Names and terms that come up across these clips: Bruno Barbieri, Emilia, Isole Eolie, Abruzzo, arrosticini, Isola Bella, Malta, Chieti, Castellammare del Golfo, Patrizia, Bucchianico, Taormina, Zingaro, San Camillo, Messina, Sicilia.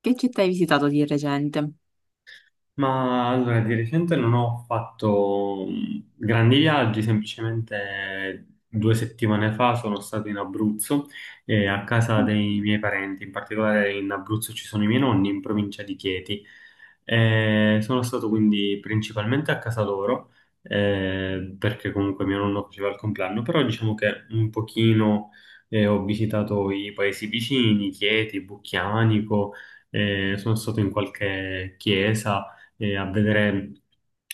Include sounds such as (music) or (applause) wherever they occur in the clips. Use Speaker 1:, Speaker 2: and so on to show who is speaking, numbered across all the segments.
Speaker 1: Che città hai visitato di recente?
Speaker 2: Ma allora, di recente non ho fatto grandi viaggi, semplicemente 2 settimane fa sono stato in Abruzzo, a casa dei miei parenti, in particolare in Abruzzo ci sono i miei nonni, in provincia di Chieti. Sono stato quindi principalmente a casa loro, perché comunque mio nonno faceva il compleanno, però diciamo che un pochino, ho visitato i paesi vicini, Chieti, Bucchianico, sono stato in qualche chiesa e a vedere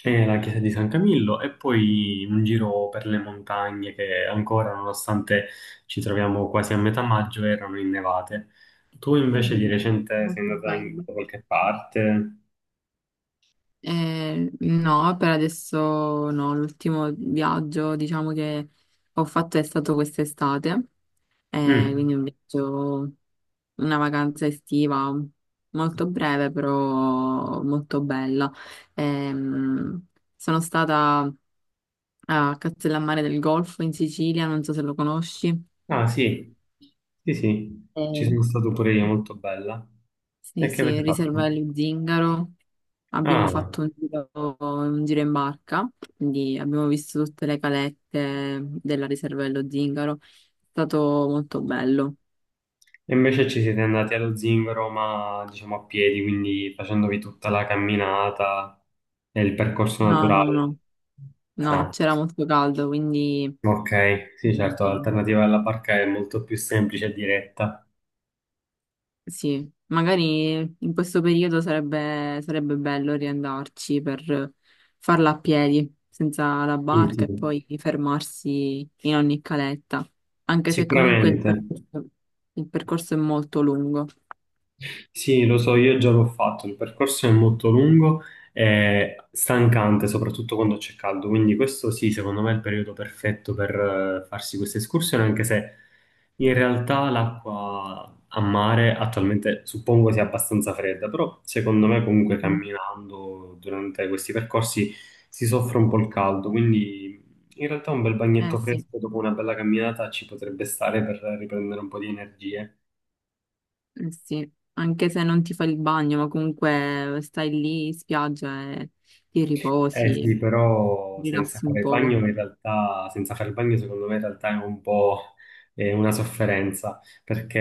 Speaker 2: la chiesa di San Camillo e poi un giro per le montagne che ancora, nonostante ci troviamo quasi a metà maggio, erano innevate. Tu invece di
Speaker 1: Mm,
Speaker 2: recente sei
Speaker 1: molto
Speaker 2: andata
Speaker 1: bello.
Speaker 2: da qualche parte?
Speaker 1: No, per adesso no, l'ultimo viaggio diciamo che ho fatto è stato quest'estate,
Speaker 2: Mm.
Speaker 1: quindi un viaggio, una vacanza estiva molto breve però molto bella. Ehm, Sono stata a Castellammare del Golfo in Sicilia, non so se lo conosci.
Speaker 2: Ah sì, sì sì, ci
Speaker 1: Eh,
Speaker 2: sono stato pure io, molto bella.
Speaker 1: sì,
Speaker 2: E che
Speaker 1: sì,
Speaker 2: avete
Speaker 1: riserva
Speaker 2: fatto?
Speaker 1: dello Zingaro. Abbiamo
Speaker 2: Ah,
Speaker 1: fatto un giro in barca, quindi abbiamo visto tutte le calette della riserva dello Zingaro. È stato molto bello.
Speaker 2: e invece ci siete andati allo Zingaro, ma diciamo a piedi, quindi facendovi tutta la camminata e il percorso
Speaker 1: No, no, no,
Speaker 2: naturale.
Speaker 1: no, (laughs)
Speaker 2: Ah.
Speaker 1: c'era molto caldo, quindi
Speaker 2: Ok, sì, certo,
Speaker 1: mm,
Speaker 2: l'alternativa alla barca è molto più semplice e diretta.
Speaker 1: sì, magari in questo periodo sarebbe bello riandarci per farla a piedi, senza la
Speaker 2: Sì,
Speaker 1: barca
Speaker 2: sì.
Speaker 1: e poi fermarsi in ogni caletta, anche se comunque
Speaker 2: Sicuramente.
Speaker 1: il percorso è molto lungo.
Speaker 2: Sì, lo so, io già l'ho fatto, il percorso è molto lungo e stancante, soprattutto quando c'è caldo, quindi questo sì, secondo me è il periodo perfetto per farsi queste escursioni, anche se in realtà l'acqua a mare attualmente suppongo sia abbastanza fredda, però secondo me comunque
Speaker 1: Mhm.
Speaker 2: camminando durante questi percorsi si soffre un po' il caldo, quindi in realtà un bel
Speaker 1: Eh
Speaker 2: bagnetto
Speaker 1: sì.
Speaker 2: fresco dopo una bella camminata ci potrebbe stare per riprendere un po' di energie.
Speaker 1: Eh sì, anche se non ti fai il bagno, ma comunque stai lì in spiaggia e ti
Speaker 2: Eh sì,
Speaker 1: riposi,
Speaker 2: però senza
Speaker 1: rilassi un
Speaker 2: fare il
Speaker 1: poco.
Speaker 2: bagno in realtà, senza fare il bagno secondo me in realtà è un po' una sofferenza,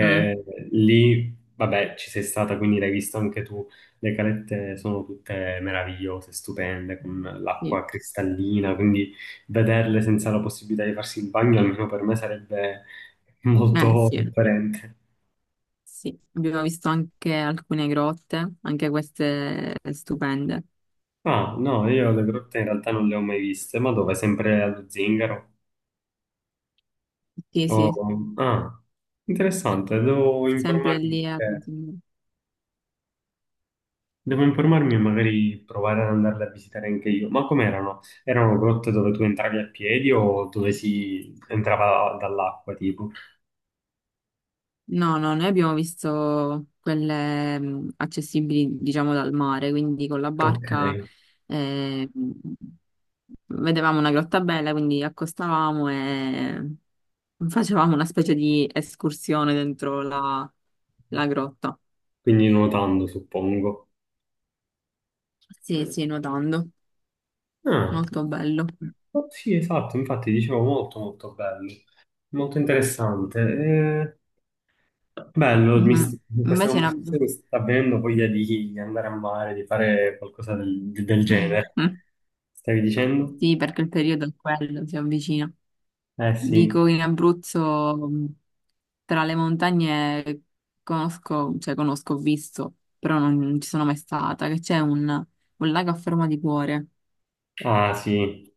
Speaker 1: Mm,
Speaker 2: lì, vabbè, ci sei stata, quindi l'hai visto anche tu, le calette sono tutte meravigliose, stupende, con
Speaker 1: sì.
Speaker 2: l'acqua cristallina, quindi vederle senza la possibilità di farsi il bagno, almeno per me sarebbe
Speaker 1: Eh
Speaker 2: molto
Speaker 1: sì,
Speaker 2: sofferente.
Speaker 1: sì. Abbiamo visto anche alcune grotte, anche queste stupende.
Speaker 2: Ah, no, io le grotte in realtà non le ho mai viste, ma dove? Sempre allo Zingaro?
Speaker 1: Sì, sì,
Speaker 2: Oh, ah, interessante,
Speaker 1: sempre lì a…
Speaker 2: devo informarmi e magari provare ad andarle a visitare anche io. Ma com'erano? Erano grotte dove tu entravi a piedi o dove si entrava dall'acqua, tipo?
Speaker 1: No, no, noi abbiamo visto quelle accessibili, diciamo, dal mare, quindi con la
Speaker 2: Ok,
Speaker 1: barca eh, mh, vedevamo una grotta bella, quindi accostavamo e facevamo una specie di escursione la grotta.
Speaker 2: quindi nuotando, suppongo.
Speaker 1: Sì, sì, nuotando,
Speaker 2: Ah,
Speaker 1: molto bello.
Speaker 2: oh, sì, esatto, infatti dicevo molto molto bello, molto interessante. Bello,
Speaker 1: Mhm.
Speaker 2: in questa
Speaker 1: Invece in Abruzzo,
Speaker 2: conversazione mi sta avvenendo voglia di andare a mare, di fare qualcosa del genere.
Speaker 1: (laughs)
Speaker 2: Stavi dicendo?
Speaker 1: sì, perché il periodo è quello, si avvicina.
Speaker 2: Eh sì.
Speaker 1: Dico in Abruzzo. Mm, tra le montagne conosco, ho visto, però non ci sono mai stata, che un lago a forma di cuore.
Speaker 2: Ah sì,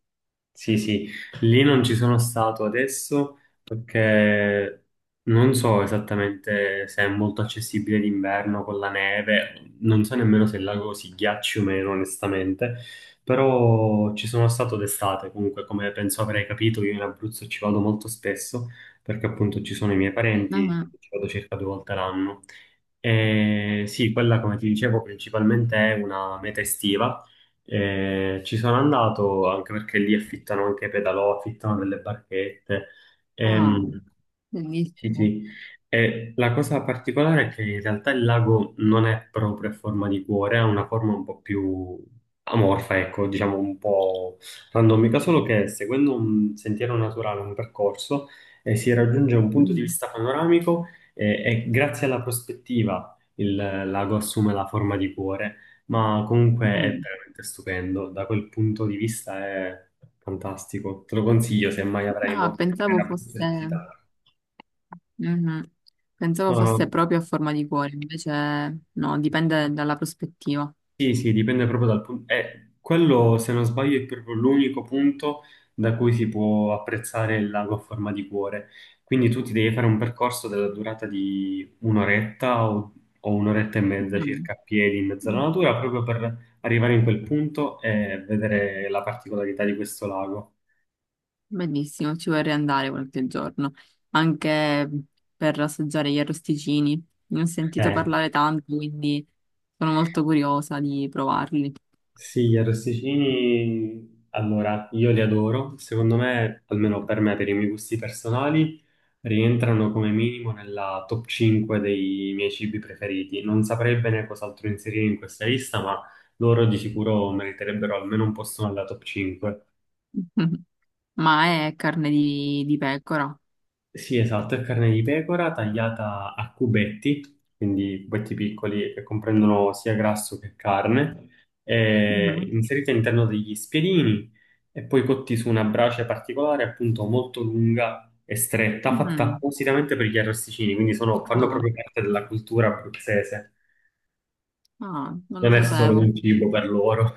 Speaker 2: sì, sì, lì non ci sono stato adesso perché non so esattamente se è molto accessibile d'inverno con la neve, non so nemmeno se il lago si ghiacci o meno, onestamente, però ci sono stato d'estate comunque, come penso avrei capito, io in Abruzzo ci vado molto spesso perché appunto ci sono i miei
Speaker 1: Ah,
Speaker 2: parenti,
Speaker 1: ah.
Speaker 2: quindi ci vado circa 2 volte l'anno. E sì, quella come ti dicevo principalmente è una meta estiva, ci sono andato anche perché lì affittano anche pedalò, affittano delle barchette. Mm.
Speaker 1: Ah,
Speaker 2: Sì,
Speaker 1: bellissimo.
Speaker 2: sì. E la cosa particolare è che in realtà il lago non è proprio a forma di cuore, ha una forma un po' più amorfa, ecco, diciamo un po' randomica, solo che seguendo un sentiero naturale, un percorso, si raggiunge un punto di
Speaker 1: Mm,
Speaker 2: vista panoramico e grazie alla prospettiva il lago assume la forma di cuore, ma comunque è
Speaker 1: mm.
Speaker 2: veramente stupendo, da quel punto di vista è fantastico. Te lo consiglio se mai avrai
Speaker 1: Ah,
Speaker 2: modo di
Speaker 1: pensavo fosse,
Speaker 2: visitare.
Speaker 1: mhm. Pensavo
Speaker 2: No, no,
Speaker 1: fosse proprio a forma di cuore, invece no, dipende dalla prospettiva.
Speaker 2: sì, sì, dipende proprio dal punto. Quello, se non sbaglio, è proprio l'unico punto da cui si può apprezzare il lago a forma di cuore. Quindi tu ti devi fare un percorso della durata di un'oretta o un'oretta e mezza circa a piedi in mezzo
Speaker 1: Mhm.
Speaker 2: alla natura, proprio per arrivare in quel punto e vedere la particolarità di questo lago.
Speaker 1: Bellissimo, ci vorrei andare qualche giorno, anche per assaggiare gli arrosticini. Ne ho sentito
Speaker 2: Eh,
Speaker 1: parlare tanto, quindi sono molto curiosa di provarli.
Speaker 2: Sì, gli arrosticini, allora, io li adoro. Secondo me, almeno per me, per i miei gusti personali, rientrano come minimo nella top 5 dei miei cibi preferiti. Non saprei bene cos'altro inserire in questa lista, ma loro di sicuro meriterebbero almeno un posto nella top 5.
Speaker 1: (laughs) Ma è di pecora?
Speaker 2: Sì, esatto, è carne di pecora tagliata a cubetti, quindi cubetti piccoli che comprendono sia grasso che carne, e
Speaker 1: Mhm.
Speaker 2: inserita all'interno degli spiedini e poi cotti su una brace particolare, appunto molto lunga e stretta, fatta
Speaker 1: Mm.
Speaker 2: appositamente per gli arrosticini, quindi fanno
Speaker 1: Ah,
Speaker 2: proprio parte della cultura abruzzese,
Speaker 1: ah, non lo
Speaker 2: non è solo
Speaker 1: sapevo.
Speaker 2: un cibo per loro.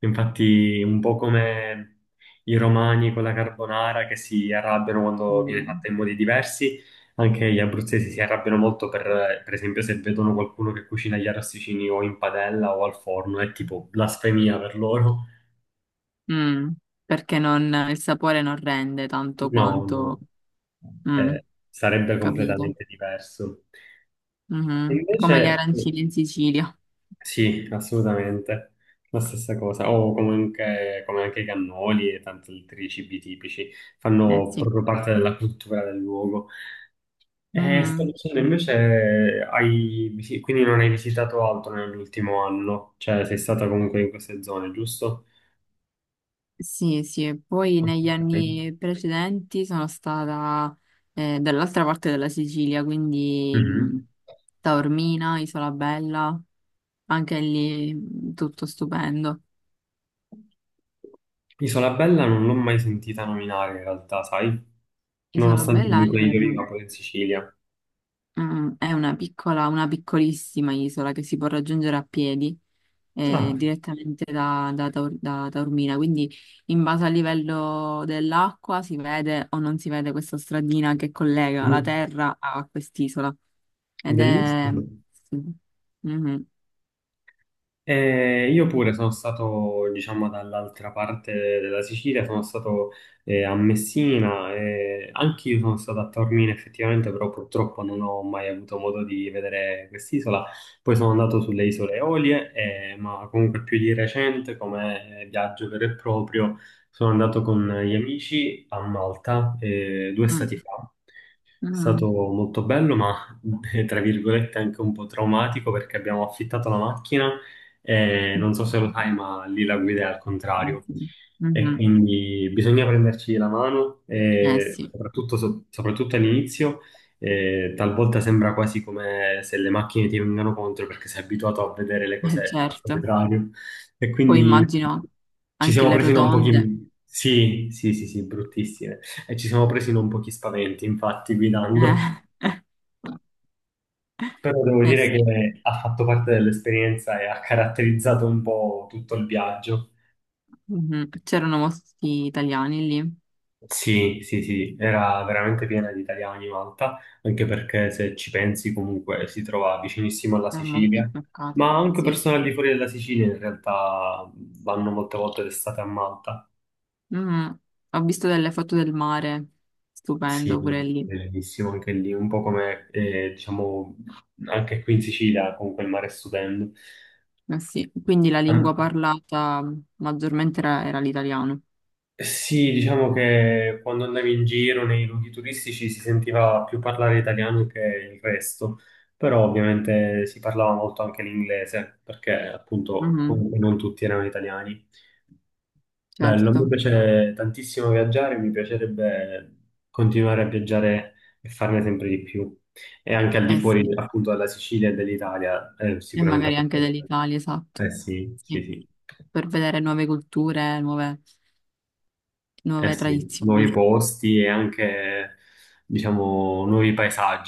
Speaker 2: Infatti, un po' come i romani con la carbonara che si arrabbiano quando viene
Speaker 1: Mm.
Speaker 2: fatta in modi diversi, anche gli abruzzesi si arrabbiano molto per esempio, se vedono qualcuno che cucina gli arrosticini o in padella o al forno, è tipo blasfemia per loro.
Speaker 1: Mm, perché non- il sapore non rende tanto
Speaker 2: No,
Speaker 1: quanto…
Speaker 2: no,
Speaker 1: Mm,
Speaker 2: eh, sarebbe
Speaker 1: capito.
Speaker 2: completamente diverso. E
Speaker 1: Mhm.
Speaker 2: invece,
Speaker 1: Come le arancine in Sicilia.
Speaker 2: sì, assolutamente. La stessa cosa. O comunque, come anche i cannoli e tanti altri cibi tipici,
Speaker 1: Eh
Speaker 2: fanno
Speaker 1: sì.
Speaker 2: proprio parte della cultura del luogo. E sto
Speaker 1: Mhm.
Speaker 2: dicendo, invece, quindi non hai visitato altro nell'ultimo anno? Cioè, sei stata comunque in queste zone, giusto?
Speaker 1: Sì, sì, e poi
Speaker 2: Ok.
Speaker 1: negli anni precedenti sono stata dall'altra parte della Sicilia, quindi
Speaker 2: Mhm.
Speaker 1: Taormina, Isola Bella, anche lì tutto stupendo.
Speaker 2: Isola Bella non l'ho mai sentita nominare in realtà, sai?
Speaker 1: Isola
Speaker 2: Nonostante
Speaker 1: Bella
Speaker 2: comunque
Speaker 1: è,
Speaker 2: io viva poi in Sicilia.
Speaker 1: mm, è una una piccolissima isola che si può raggiungere a piedi
Speaker 2: Ah,
Speaker 1: direttamente da, da Taur- da da Taormina. Quindi in base al livello dell'acqua si vede o non si vede questa stradina che collega la
Speaker 2: mhm.
Speaker 1: terra a quest'isola. Ed è…
Speaker 2: Bellissimo.
Speaker 1: sì. Mhm.
Speaker 2: Io pure sono stato, diciamo, dall'altra parte della Sicilia, sono stato, a Messina, e anche io sono stato a Taormina effettivamente, però purtroppo non ho mai avuto modo di vedere quest'isola. Poi sono andato sulle Isole Eolie, ma comunque più di recente, come viaggio vero e proprio, sono andato con gli amici a Malta due stati
Speaker 1: Mm.
Speaker 2: fa. È
Speaker 1: Mm.
Speaker 2: stato molto bello, ma (laughs) tra virgolette anche un po' traumatico perché abbiamo affittato la macchina e non so se lo sai, ma lì la guida è al
Speaker 1: Sì,
Speaker 2: contrario.
Speaker 1: sì.
Speaker 2: E
Speaker 1: Mhm.
Speaker 2: quindi bisogna prenderci la mano,
Speaker 1: Eh
Speaker 2: e
Speaker 1: sì,
Speaker 2: soprattutto, soprattutto all'inizio, talvolta sembra quasi come se le macchine ti vengano contro perché sei abituato a vedere le cose al
Speaker 1: certo.
Speaker 2: contrario. E
Speaker 1: Poi
Speaker 2: quindi
Speaker 1: immagino
Speaker 2: ci
Speaker 1: anche
Speaker 2: siamo
Speaker 1: le
Speaker 2: presi un
Speaker 1: rotonde.
Speaker 2: pochino... Sì, sì, sì, sì, bruttissime e ci siamo presi non pochi spaventi, infatti, guidando.
Speaker 1: Eh,
Speaker 2: Però devo
Speaker 1: (laughs) eh
Speaker 2: dire
Speaker 1: sì.
Speaker 2: che ha fatto parte dell'esperienza e ha caratterizzato un po' tutto il viaggio.
Speaker 1: Mhm. C'erano molti italiani lì,
Speaker 2: Sì, sì, sì, era veramente piena di italiani Malta, anche perché se ci pensi comunque si trova vicinissimo alla
Speaker 1: è molto
Speaker 2: Sicilia,
Speaker 1: toccato.
Speaker 2: ma anche
Speaker 1: Sì. Sì.
Speaker 2: persone al di fuori della Sicilia in realtà vanno molte volte d'estate a Malta.
Speaker 1: Mm, ho visto delle foto del mare,
Speaker 2: Sì,
Speaker 1: stupendo pure lì.
Speaker 2: è bellissimo anche lì, un po' come, diciamo, anche qui in Sicilia, comunque il mare è stupendo.
Speaker 1: Eh sì, quindi la lingua parlata maggiormente era l'italiano.
Speaker 2: Sì, diciamo che quando andavi in giro nei luoghi turistici si sentiva più parlare italiano che il resto, però ovviamente si parlava molto anche l'inglese, perché appunto
Speaker 1: Mhm,
Speaker 2: comunque non tutti erano italiani. Bello, mi
Speaker 1: certo,
Speaker 2: piace tantissimo viaggiare, mi piacerebbe continuare a viaggiare e farne sempre di più, e anche al di
Speaker 1: eh
Speaker 2: fuori
Speaker 1: sì,
Speaker 2: appunto della Sicilia e dell'Italia,
Speaker 1: e
Speaker 2: sicuramente.
Speaker 1: magari anche dell'Italia, esatto.
Speaker 2: Eh sì,
Speaker 1: Sì,
Speaker 2: sì, sì.
Speaker 1: per vedere nuove
Speaker 2: Eh
Speaker 1: nuove
Speaker 2: sì, nuovi
Speaker 1: tradizioni.
Speaker 2: posti e anche, diciamo, nuovi paesaggi,